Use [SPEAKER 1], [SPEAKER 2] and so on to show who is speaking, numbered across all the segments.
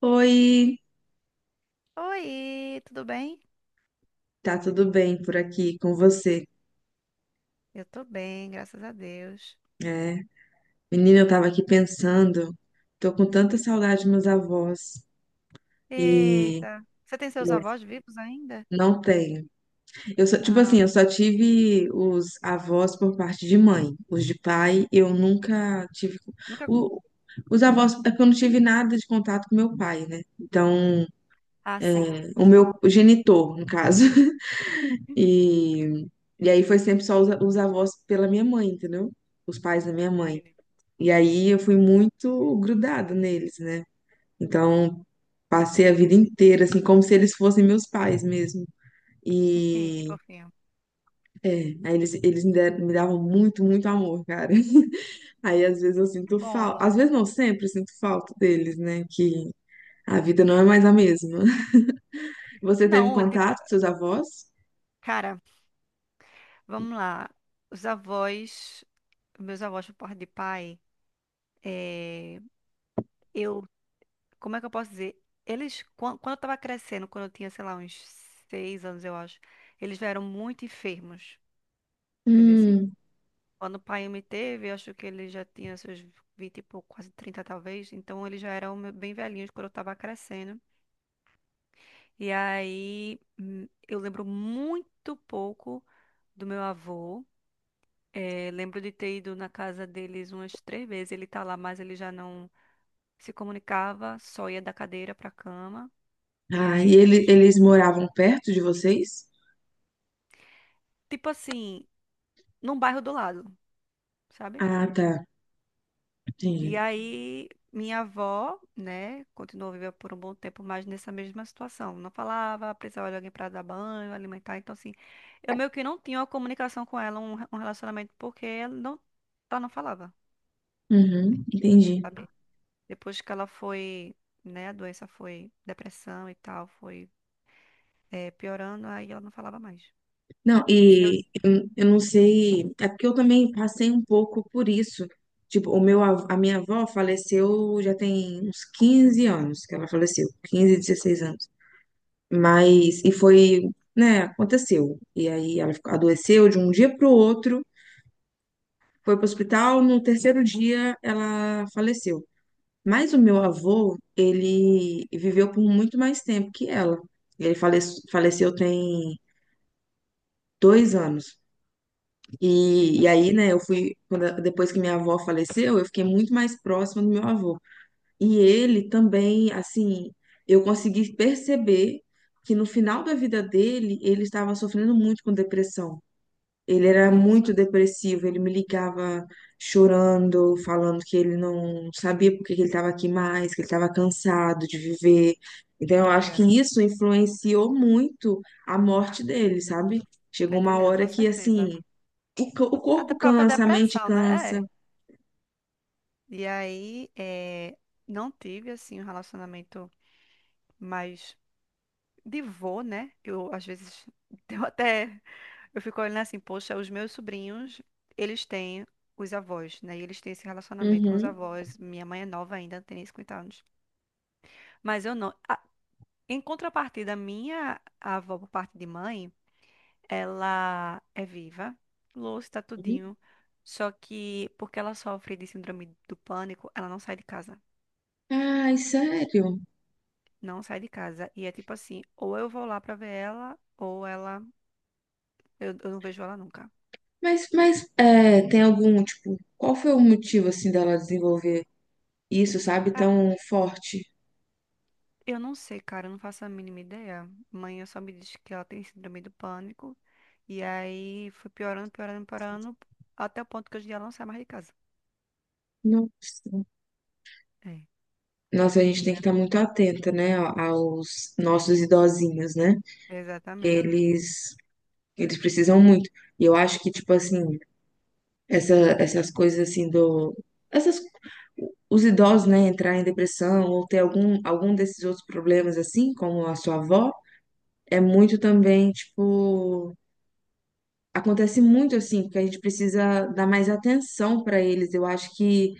[SPEAKER 1] Oi,
[SPEAKER 2] Oi, tudo bem?
[SPEAKER 1] tá tudo bem por aqui com você?
[SPEAKER 2] Eu tô bem, graças a Deus.
[SPEAKER 1] É, menina, eu tava aqui pensando, tô com tanta saudade dos meus avós e
[SPEAKER 2] Eita, você tem seus avós vivos ainda?
[SPEAKER 1] não tenho. Tipo
[SPEAKER 2] Ah,
[SPEAKER 1] assim, eu só tive os avós por parte de mãe, os de pai eu nunca tive.
[SPEAKER 2] nunca.
[SPEAKER 1] o- os avós, é porque eu não tive nada de contato com meu pai, né? Então,
[SPEAKER 2] Ah, sim.
[SPEAKER 1] o
[SPEAKER 2] Uhum.
[SPEAKER 1] meu genitor, no caso. E, e aí foi sempre só os avós pela minha mãe, entendeu? Os pais da minha mãe.
[SPEAKER 2] Vini.
[SPEAKER 1] E aí eu fui muito grudada neles, né? Então passei a vida inteira, assim, como se eles fossem meus pais mesmo.
[SPEAKER 2] Ih, que
[SPEAKER 1] E
[SPEAKER 2] fofinho.
[SPEAKER 1] é, aí eles me davam muito, muito amor, cara. Aí às vezes eu
[SPEAKER 2] Que
[SPEAKER 1] sinto falta,
[SPEAKER 2] bom.
[SPEAKER 1] às vezes não, sempre eu sinto falta deles, né? Que a vida não é mais a mesma. Você teve
[SPEAKER 2] Não, tipo,
[SPEAKER 1] contato com seus avós?
[SPEAKER 2] cara, vamos lá. Os avós, meus avós por parte de pai, eh, eu, como é que eu posso dizer? Eles, quando eu tava crescendo, quando eu tinha, sei lá, uns 6 anos, eu acho, eles vieram muito enfermos, entendeu?
[SPEAKER 1] Hum.
[SPEAKER 2] Quando o pai me teve, eu acho que ele já tinha seus 20 e pouco, quase 30 talvez. Então ele já era um bem velhinho quando eu tava crescendo. E aí eu lembro muito pouco do meu avô. Lembro de ter ido na casa deles umas 3 vezes. Ele tá lá, mas ele já não se comunicava, só ia da cadeira pra cama. E
[SPEAKER 1] Ah,
[SPEAKER 2] aí depois,
[SPEAKER 1] eles moravam perto de vocês?
[SPEAKER 2] tipo assim, num bairro do lado, sabe?
[SPEAKER 1] Ah, tá.
[SPEAKER 2] E
[SPEAKER 1] Entendi.
[SPEAKER 2] aí, minha avó, né, continuou vivendo por um bom tempo, mas nessa mesma situação. Não falava, precisava de alguém para dar banho, alimentar. Então, assim, eu meio que não tinha uma comunicação com ela, um relacionamento, porque ela não falava,
[SPEAKER 1] Uhum, entendi.
[SPEAKER 2] sabe? Depois que ela foi, né, a doença foi depressão e tal, foi piorando, aí ela não falava mais.
[SPEAKER 1] Não,
[SPEAKER 2] Se eu
[SPEAKER 1] eu não sei, é porque eu também passei um pouco por isso. Tipo, a minha avó faleceu já tem uns 15 anos que ela faleceu, 15, 16 anos. Mas, e foi, né, aconteceu. E aí ela adoeceu de um dia para o outro, foi para o hospital, no terceiro dia ela faleceu. Mas o meu avô, ele viveu por muito mais tempo que ela. Ele faleceu tem 2 anos. E,
[SPEAKER 2] entendi.
[SPEAKER 1] e aí, né, eu fui, depois que minha avó faleceu, eu fiquei muito mais próxima do meu avô. E ele também, assim, eu consegui perceber que no final da vida dele, ele estava sofrendo muito com depressão. Ele era muito
[SPEAKER 2] Nossa,
[SPEAKER 1] depressivo, ele me ligava chorando, falando que ele não sabia por que que ele estava aqui mais, que ele estava cansado de viver. Então, eu
[SPEAKER 2] tô
[SPEAKER 1] acho que
[SPEAKER 2] ligada.
[SPEAKER 1] isso influenciou muito a morte dele, sabe?
[SPEAKER 2] Tô
[SPEAKER 1] Chegou uma
[SPEAKER 2] entendendo,
[SPEAKER 1] hora
[SPEAKER 2] com
[SPEAKER 1] que,
[SPEAKER 2] certeza.
[SPEAKER 1] assim, o
[SPEAKER 2] A
[SPEAKER 1] corpo
[SPEAKER 2] da própria
[SPEAKER 1] cansa, a mente
[SPEAKER 2] depressão, né?
[SPEAKER 1] cansa.
[SPEAKER 2] É. E aí, não tive, assim, um relacionamento mais de vô, né? Eu, às vezes, eu até. Eu fico olhando assim, poxa, os meus sobrinhos, eles têm os avós, né? E eles têm esse relacionamento com os
[SPEAKER 1] Uhum,
[SPEAKER 2] avós. Minha mãe é nova ainda, tem nem 50 anos. Mas eu não. Ah, em contrapartida, minha avó, por parte de mãe, ela é viva, lúcida,
[SPEAKER 1] uhum.
[SPEAKER 2] tudinho. Só que, porque ela sofre de síndrome do pânico, ela não sai de casa.
[SPEAKER 1] Ai, sério?
[SPEAKER 2] Não sai de casa. E é tipo assim, ou eu vou lá pra ver ela, ou ela. Eu não vejo ela nunca.
[SPEAKER 1] Mas é, tem algum, tipo, qual foi o motivo, assim, dela desenvolver isso, sabe,
[SPEAKER 2] Ah,
[SPEAKER 1] tão forte?
[SPEAKER 2] eu não sei, cara, eu não faço a mínima ideia. Mãe só me disse que ela tem síndrome do pânico. E aí foi piorando, piorando, piorando, até o ponto que hoje em dia ela não sai mais de casa.
[SPEAKER 1] Nossa.
[SPEAKER 2] É.
[SPEAKER 1] Nossa, a
[SPEAKER 2] E
[SPEAKER 1] gente tem que estar muito atenta, né, aos nossos idosinhos, né?
[SPEAKER 2] exatamente.
[SPEAKER 1] Eles, eles precisam muito. E eu acho que, tipo assim, essa, essas coisas assim do... Essas, os idosos, né, entrar em depressão ou ter algum desses outros problemas, assim, como a sua avó, é muito também, tipo, acontece muito assim, porque a gente precisa dar mais atenção pra eles. Eu acho que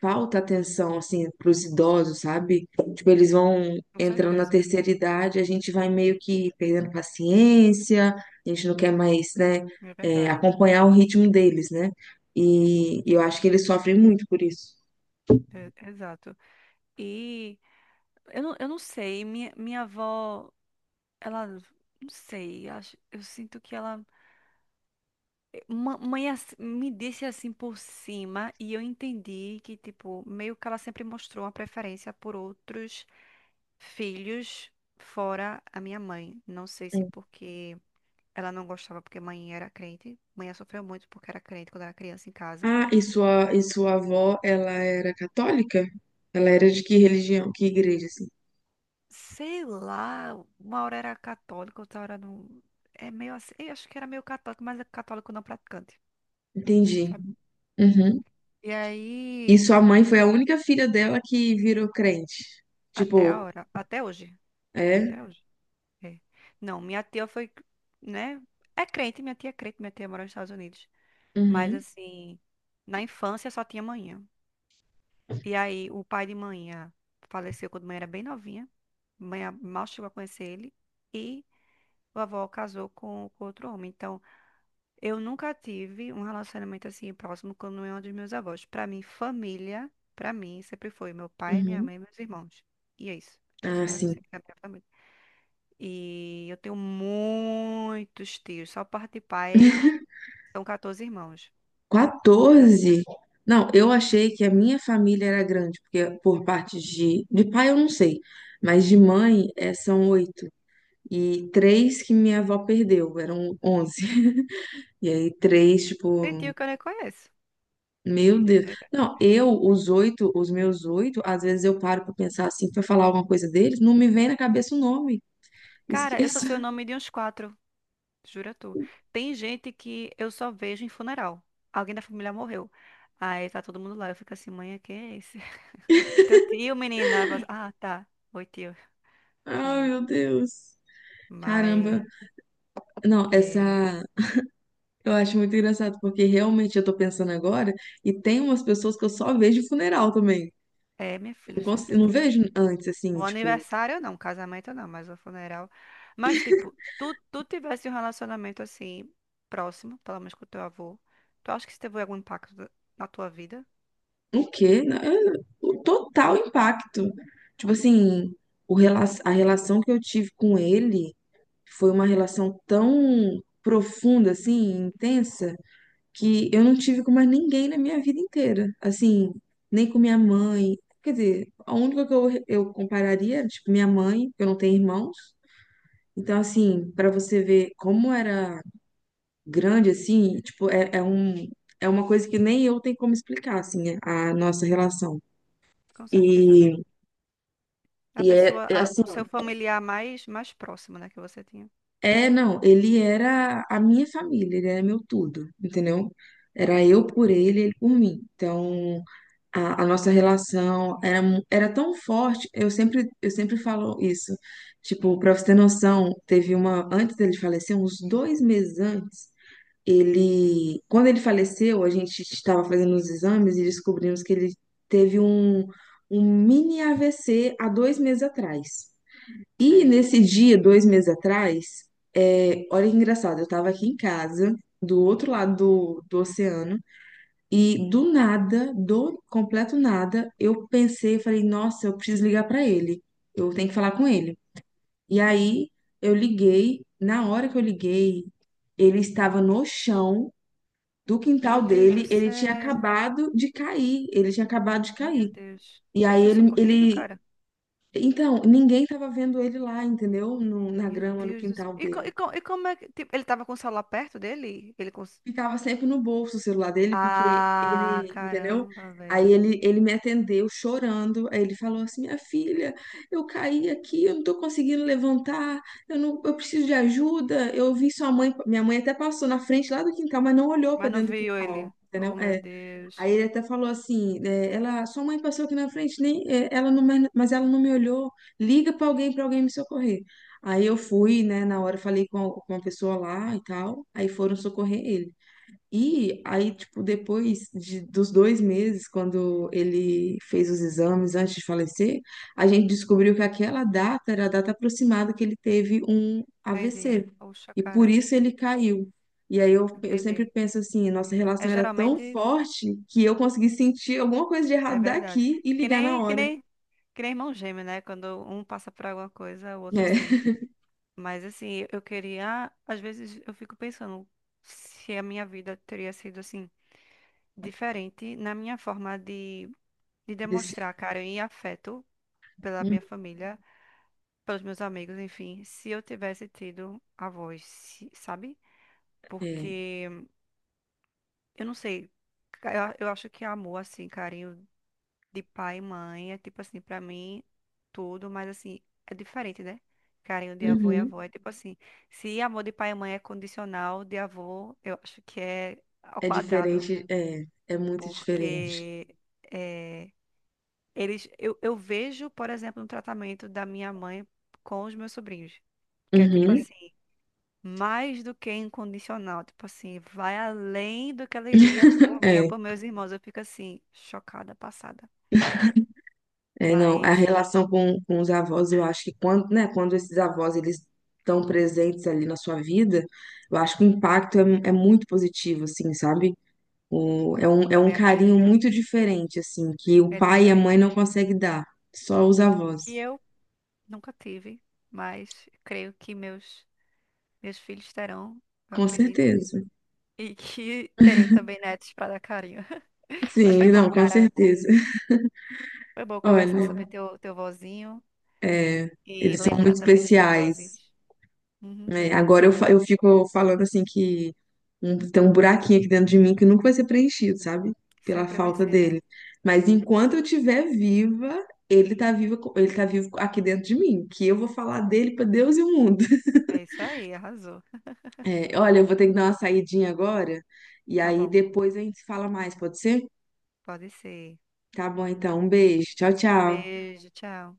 [SPEAKER 1] falta atenção assim pros idosos, sabe? Tipo, eles vão
[SPEAKER 2] Com
[SPEAKER 1] entrando na
[SPEAKER 2] certeza.
[SPEAKER 1] terceira idade, a gente vai meio que perdendo paciência, a gente não quer mais, né,
[SPEAKER 2] É verdade.
[SPEAKER 1] acompanhar o ritmo deles, né? E eu acho que
[SPEAKER 2] Exato.
[SPEAKER 1] eles sofrem muito por isso.
[SPEAKER 2] Exato. E eu não sei, minha avó, ela. Não sei, acho, eu sinto que ela. Mãe me disse assim por cima e eu entendi que, tipo, meio que ela sempre mostrou uma preferência por outros filhos fora a minha mãe. Não sei se
[SPEAKER 1] Hum.
[SPEAKER 2] porque ela não gostava porque mãe era crente. Mãe sofreu muito porque era crente quando era criança em casa.
[SPEAKER 1] Ah, e sua avó, ela era católica? Ela era de que religião, que igreja, assim?
[SPEAKER 2] Sei lá, uma hora era católica, outra hora não. É meio assim, eu acho que era meio católico, mas é católico não praticante,
[SPEAKER 1] Entendi.
[SPEAKER 2] sabe?
[SPEAKER 1] Uhum.
[SPEAKER 2] E
[SPEAKER 1] E
[SPEAKER 2] aí,
[SPEAKER 1] sua mãe foi a única filha dela que virou crente.
[SPEAKER 2] até a
[SPEAKER 1] Tipo,
[SPEAKER 2] hora, até hoje,
[SPEAKER 1] é?
[SPEAKER 2] até hoje. É. Não, minha tia foi, né? É crente, minha tia é crente, minha tia mora nos Estados Unidos. Mas
[SPEAKER 1] Uhum.
[SPEAKER 2] assim, na infância só tinha manhã. E aí o pai de manhã faleceu quando mãe era bem novinha. Mãe mal chegou a conhecer ele. E vovó casou com outro homem. Então, eu nunca tive um relacionamento assim próximo com nenhum dos meus avós. Pra mim, família, pra mim, sempre foi meu pai, minha
[SPEAKER 1] Uhum.
[SPEAKER 2] mãe, e meus irmãos. E é isso.
[SPEAKER 1] Ah,
[SPEAKER 2] Essa é
[SPEAKER 1] sim.
[SPEAKER 2] sempre a minha família. E eu tenho muitos tios. Só parte de pai são 14 irmãos. Mas assim,
[SPEAKER 1] 14? Não, eu achei que a minha família era grande, porque por parte de pai eu não sei, mas de mãe são oito. E três que minha avó perdeu, eram 11. E aí três, tipo,
[SPEAKER 2] tem tio que eu nem conheço.
[SPEAKER 1] Meu
[SPEAKER 2] Tio que eu
[SPEAKER 1] Deus.
[SPEAKER 2] nem conheço.
[SPEAKER 1] Não, os meus oito, às vezes eu paro pra pensar assim, pra falar alguma coisa deles, não me vem na cabeça o nome.
[SPEAKER 2] Cara, eu só
[SPEAKER 1] Esqueço.
[SPEAKER 2] sei o nome de uns quatro, jura tu. Tem gente que eu só vejo em funeral. Alguém da família morreu. Aí tá todo mundo lá. Eu fico assim, mãe, quem é esse? Teu tio, menina. Aí fala assim, ah, tá. Oi, tio,
[SPEAKER 1] Ai,
[SPEAKER 2] juro.
[SPEAKER 1] meu Deus. Caramba.
[SPEAKER 2] Mas
[SPEAKER 1] Não,
[SPEAKER 2] é,
[SPEAKER 1] essa. Eu acho muito engraçado, porque realmente eu tô pensando agora, e tem umas pessoas que eu só vejo em funeral também.
[SPEAKER 2] é, minha
[SPEAKER 1] Eu
[SPEAKER 2] filha,
[SPEAKER 1] não, cons-
[SPEAKER 2] sempre
[SPEAKER 1] eu não
[SPEAKER 2] tem.
[SPEAKER 1] vejo antes, assim,
[SPEAKER 2] O
[SPEAKER 1] tipo,
[SPEAKER 2] aniversário não, casamento não, mas o funeral. Mas, tipo, tu tivesse um relacionamento assim, próximo, pelo menos com o teu avô, tu acha que isso teve algum impacto na tua vida?
[SPEAKER 1] o quê? Não, o total impacto. Tipo assim, a relação que eu tive com ele. Foi uma relação tão profunda, assim, intensa, que eu não tive com mais ninguém na minha vida inteira. Assim, nem com minha mãe. Quer dizer, a única que eu compararia era, tipo, minha mãe, que eu não tenho irmãos. Então, assim, pra você ver como era grande, assim, tipo, é uma coisa que nem eu tenho como explicar, assim, a nossa relação.
[SPEAKER 2] Com certeza, né?
[SPEAKER 1] E,
[SPEAKER 2] A
[SPEAKER 1] e é,
[SPEAKER 2] pessoa,
[SPEAKER 1] é assim,
[SPEAKER 2] o seu familiar mais próximo, né, que você tinha.
[SPEAKER 1] é, não, ele era a minha família, ele era meu tudo, entendeu? Era eu
[SPEAKER 2] Uhum,
[SPEAKER 1] por ele, ele por mim. Então, a nossa relação era tão forte, eu sempre falo isso. Tipo, pra você ter noção, teve uma, antes dele falecer, uns 2 meses antes, quando ele faleceu, a gente estava fazendo os exames e descobrimos que ele teve um mini AVC há 2 meses atrás. E
[SPEAKER 2] certo.
[SPEAKER 1] nesse dia, 2 meses atrás, olha que engraçado, eu tava aqui em casa, do outro lado do oceano, e do nada, do completo nada, eu pensei, falei, nossa, eu preciso ligar pra ele, eu tenho que falar com ele. E aí eu liguei, na hora que eu liguei, ele estava no chão do quintal
[SPEAKER 2] Meu Deus do
[SPEAKER 1] dele, ele tinha
[SPEAKER 2] céu.
[SPEAKER 1] acabado de cair, ele tinha acabado de
[SPEAKER 2] Meu
[SPEAKER 1] cair.
[SPEAKER 2] Deus.
[SPEAKER 1] E
[SPEAKER 2] Ele
[SPEAKER 1] aí
[SPEAKER 2] foi
[SPEAKER 1] ele,
[SPEAKER 2] socorrido,
[SPEAKER 1] ele
[SPEAKER 2] cara?
[SPEAKER 1] então, ninguém tava vendo ele lá, entendeu? Na
[SPEAKER 2] Meu
[SPEAKER 1] grama, no
[SPEAKER 2] Deus do céu.
[SPEAKER 1] quintal
[SPEAKER 2] E, co- e,
[SPEAKER 1] dele.
[SPEAKER 2] co- e como é que. Tipo, ele tava com o celular perto dele? Ele cons.
[SPEAKER 1] Ficava sempre no bolso o celular dele, porque
[SPEAKER 2] Ah,
[SPEAKER 1] ele, entendeu?
[SPEAKER 2] caramba,
[SPEAKER 1] Aí
[SPEAKER 2] velho.
[SPEAKER 1] ele me atendeu chorando. Aí ele falou assim: Minha filha, eu caí aqui, eu não tô conseguindo levantar, eu não, eu preciso de ajuda. Eu vi sua mãe, minha mãe até passou na frente lá do quintal, mas não olhou pra
[SPEAKER 2] Mas não
[SPEAKER 1] dentro do
[SPEAKER 2] viu
[SPEAKER 1] quintal,
[SPEAKER 2] ele. Oh,
[SPEAKER 1] entendeu?
[SPEAKER 2] meu Deus.
[SPEAKER 1] Aí ele até falou assim, sua mãe passou aqui na frente, nem, é, ela não, me- mas ela não me olhou. Liga para alguém me socorrer. Aí eu fui, né, na hora falei com uma pessoa lá e tal. Aí foram socorrer ele. E aí, tipo, depois dos 2 meses, quando ele fez os exames antes de falecer, a gente descobriu que aquela data era a data aproximada que ele teve um
[SPEAKER 2] Entendi.
[SPEAKER 1] AVC.
[SPEAKER 2] Poxa,
[SPEAKER 1] E por
[SPEAKER 2] cara.
[SPEAKER 1] isso ele caiu. E aí eu sempre
[SPEAKER 2] Entendi.
[SPEAKER 1] penso assim, nossa
[SPEAKER 2] É
[SPEAKER 1] relação era tão
[SPEAKER 2] geralmente
[SPEAKER 1] forte que eu consegui sentir alguma coisa de
[SPEAKER 2] é
[SPEAKER 1] errado
[SPEAKER 2] verdade.
[SPEAKER 1] daqui e
[SPEAKER 2] Que
[SPEAKER 1] ligar na
[SPEAKER 2] nem, que
[SPEAKER 1] hora.
[SPEAKER 2] nem, que nem irmão gêmeo, né? Quando um passa por alguma coisa, o outro
[SPEAKER 1] É,
[SPEAKER 2] sente. Mas assim, eu queria, às vezes eu fico pensando se a minha vida teria sido assim diferente na minha forma de
[SPEAKER 1] desse-
[SPEAKER 2] demonstrar carinho e afeto pela
[SPEAKER 1] hum,
[SPEAKER 2] minha família, pelos meus amigos, enfim, se eu tivesse tido a voz, sabe?
[SPEAKER 1] é,
[SPEAKER 2] Porque eu não sei. Eu acho que amor, assim, carinho de pai e mãe é tipo assim, pra mim, tudo, mas assim, é diferente, né? Carinho de avô e
[SPEAKER 1] uhum.
[SPEAKER 2] avó é tipo assim. Se amor de pai e mãe é condicional, de avô, eu acho que é ao
[SPEAKER 1] É
[SPEAKER 2] quadrado.
[SPEAKER 1] diferente, é, é muito diferente.
[SPEAKER 2] Porque é, eles, eu vejo, por exemplo, no tratamento da minha mãe com os meus sobrinhos. Que é tipo
[SPEAKER 1] Uhum.
[SPEAKER 2] assim, mais do que incondicional, tipo assim, vai além do que ela iria por mim ou por meus irmãos. Eu fico assim, chocada, passada.
[SPEAKER 1] É, não, a
[SPEAKER 2] Mas
[SPEAKER 1] relação com os avós, eu acho que quando, né, quando esses avós eles estão presentes ali na sua vida, eu acho que o impacto é muito positivo, assim, sabe? É um
[SPEAKER 2] também
[SPEAKER 1] carinho
[SPEAKER 2] acredito,
[SPEAKER 1] muito diferente, assim, que o
[SPEAKER 2] é
[SPEAKER 1] pai e a mãe
[SPEAKER 2] diferente.
[SPEAKER 1] não conseguem dar, só os avós.
[SPEAKER 2] Que eu nunca tive, mas creio que meus filhos terão, eu
[SPEAKER 1] Com
[SPEAKER 2] acredito.
[SPEAKER 1] certeza.
[SPEAKER 2] E que terei também netos para dar carinho. Mas foi
[SPEAKER 1] Sim,
[SPEAKER 2] bom,
[SPEAKER 1] não, com
[SPEAKER 2] cara.
[SPEAKER 1] certeza.
[SPEAKER 2] Foi bom conversar
[SPEAKER 1] Olha,
[SPEAKER 2] sobre teu vozinho
[SPEAKER 1] é,
[SPEAKER 2] e
[SPEAKER 1] eles são
[SPEAKER 2] lembrar
[SPEAKER 1] muito
[SPEAKER 2] também dos meus
[SPEAKER 1] especiais.
[SPEAKER 2] vozinhos. Uhum.
[SPEAKER 1] É, agora eu fico falando assim que tem um buraquinho aqui dentro de mim que nunca vai ser preenchido, sabe? Pela
[SPEAKER 2] Sempre vai
[SPEAKER 1] falta
[SPEAKER 2] ser, né?
[SPEAKER 1] dele. Mas enquanto eu estiver viva, ele tá vivo, ele tá vivo aqui dentro de mim, que eu vou falar dele pra Deus e o mundo.
[SPEAKER 2] É isso aí, arrasou.
[SPEAKER 1] É, olha, eu vou ter que dar uma saidinha agora, e
[SPEAKER 2] Tá
[SPEAKER 1] aí
[SPEAKER 2] bom,
[SPEAKER 1] depois a gente se fala mais, pode ser?
[SPEAKER 2] pode ser.
[SPEAKER 1] Tá bom, então, um beijo. Tchau, tchau.
[SPEAKER 2] Beijo, tchau.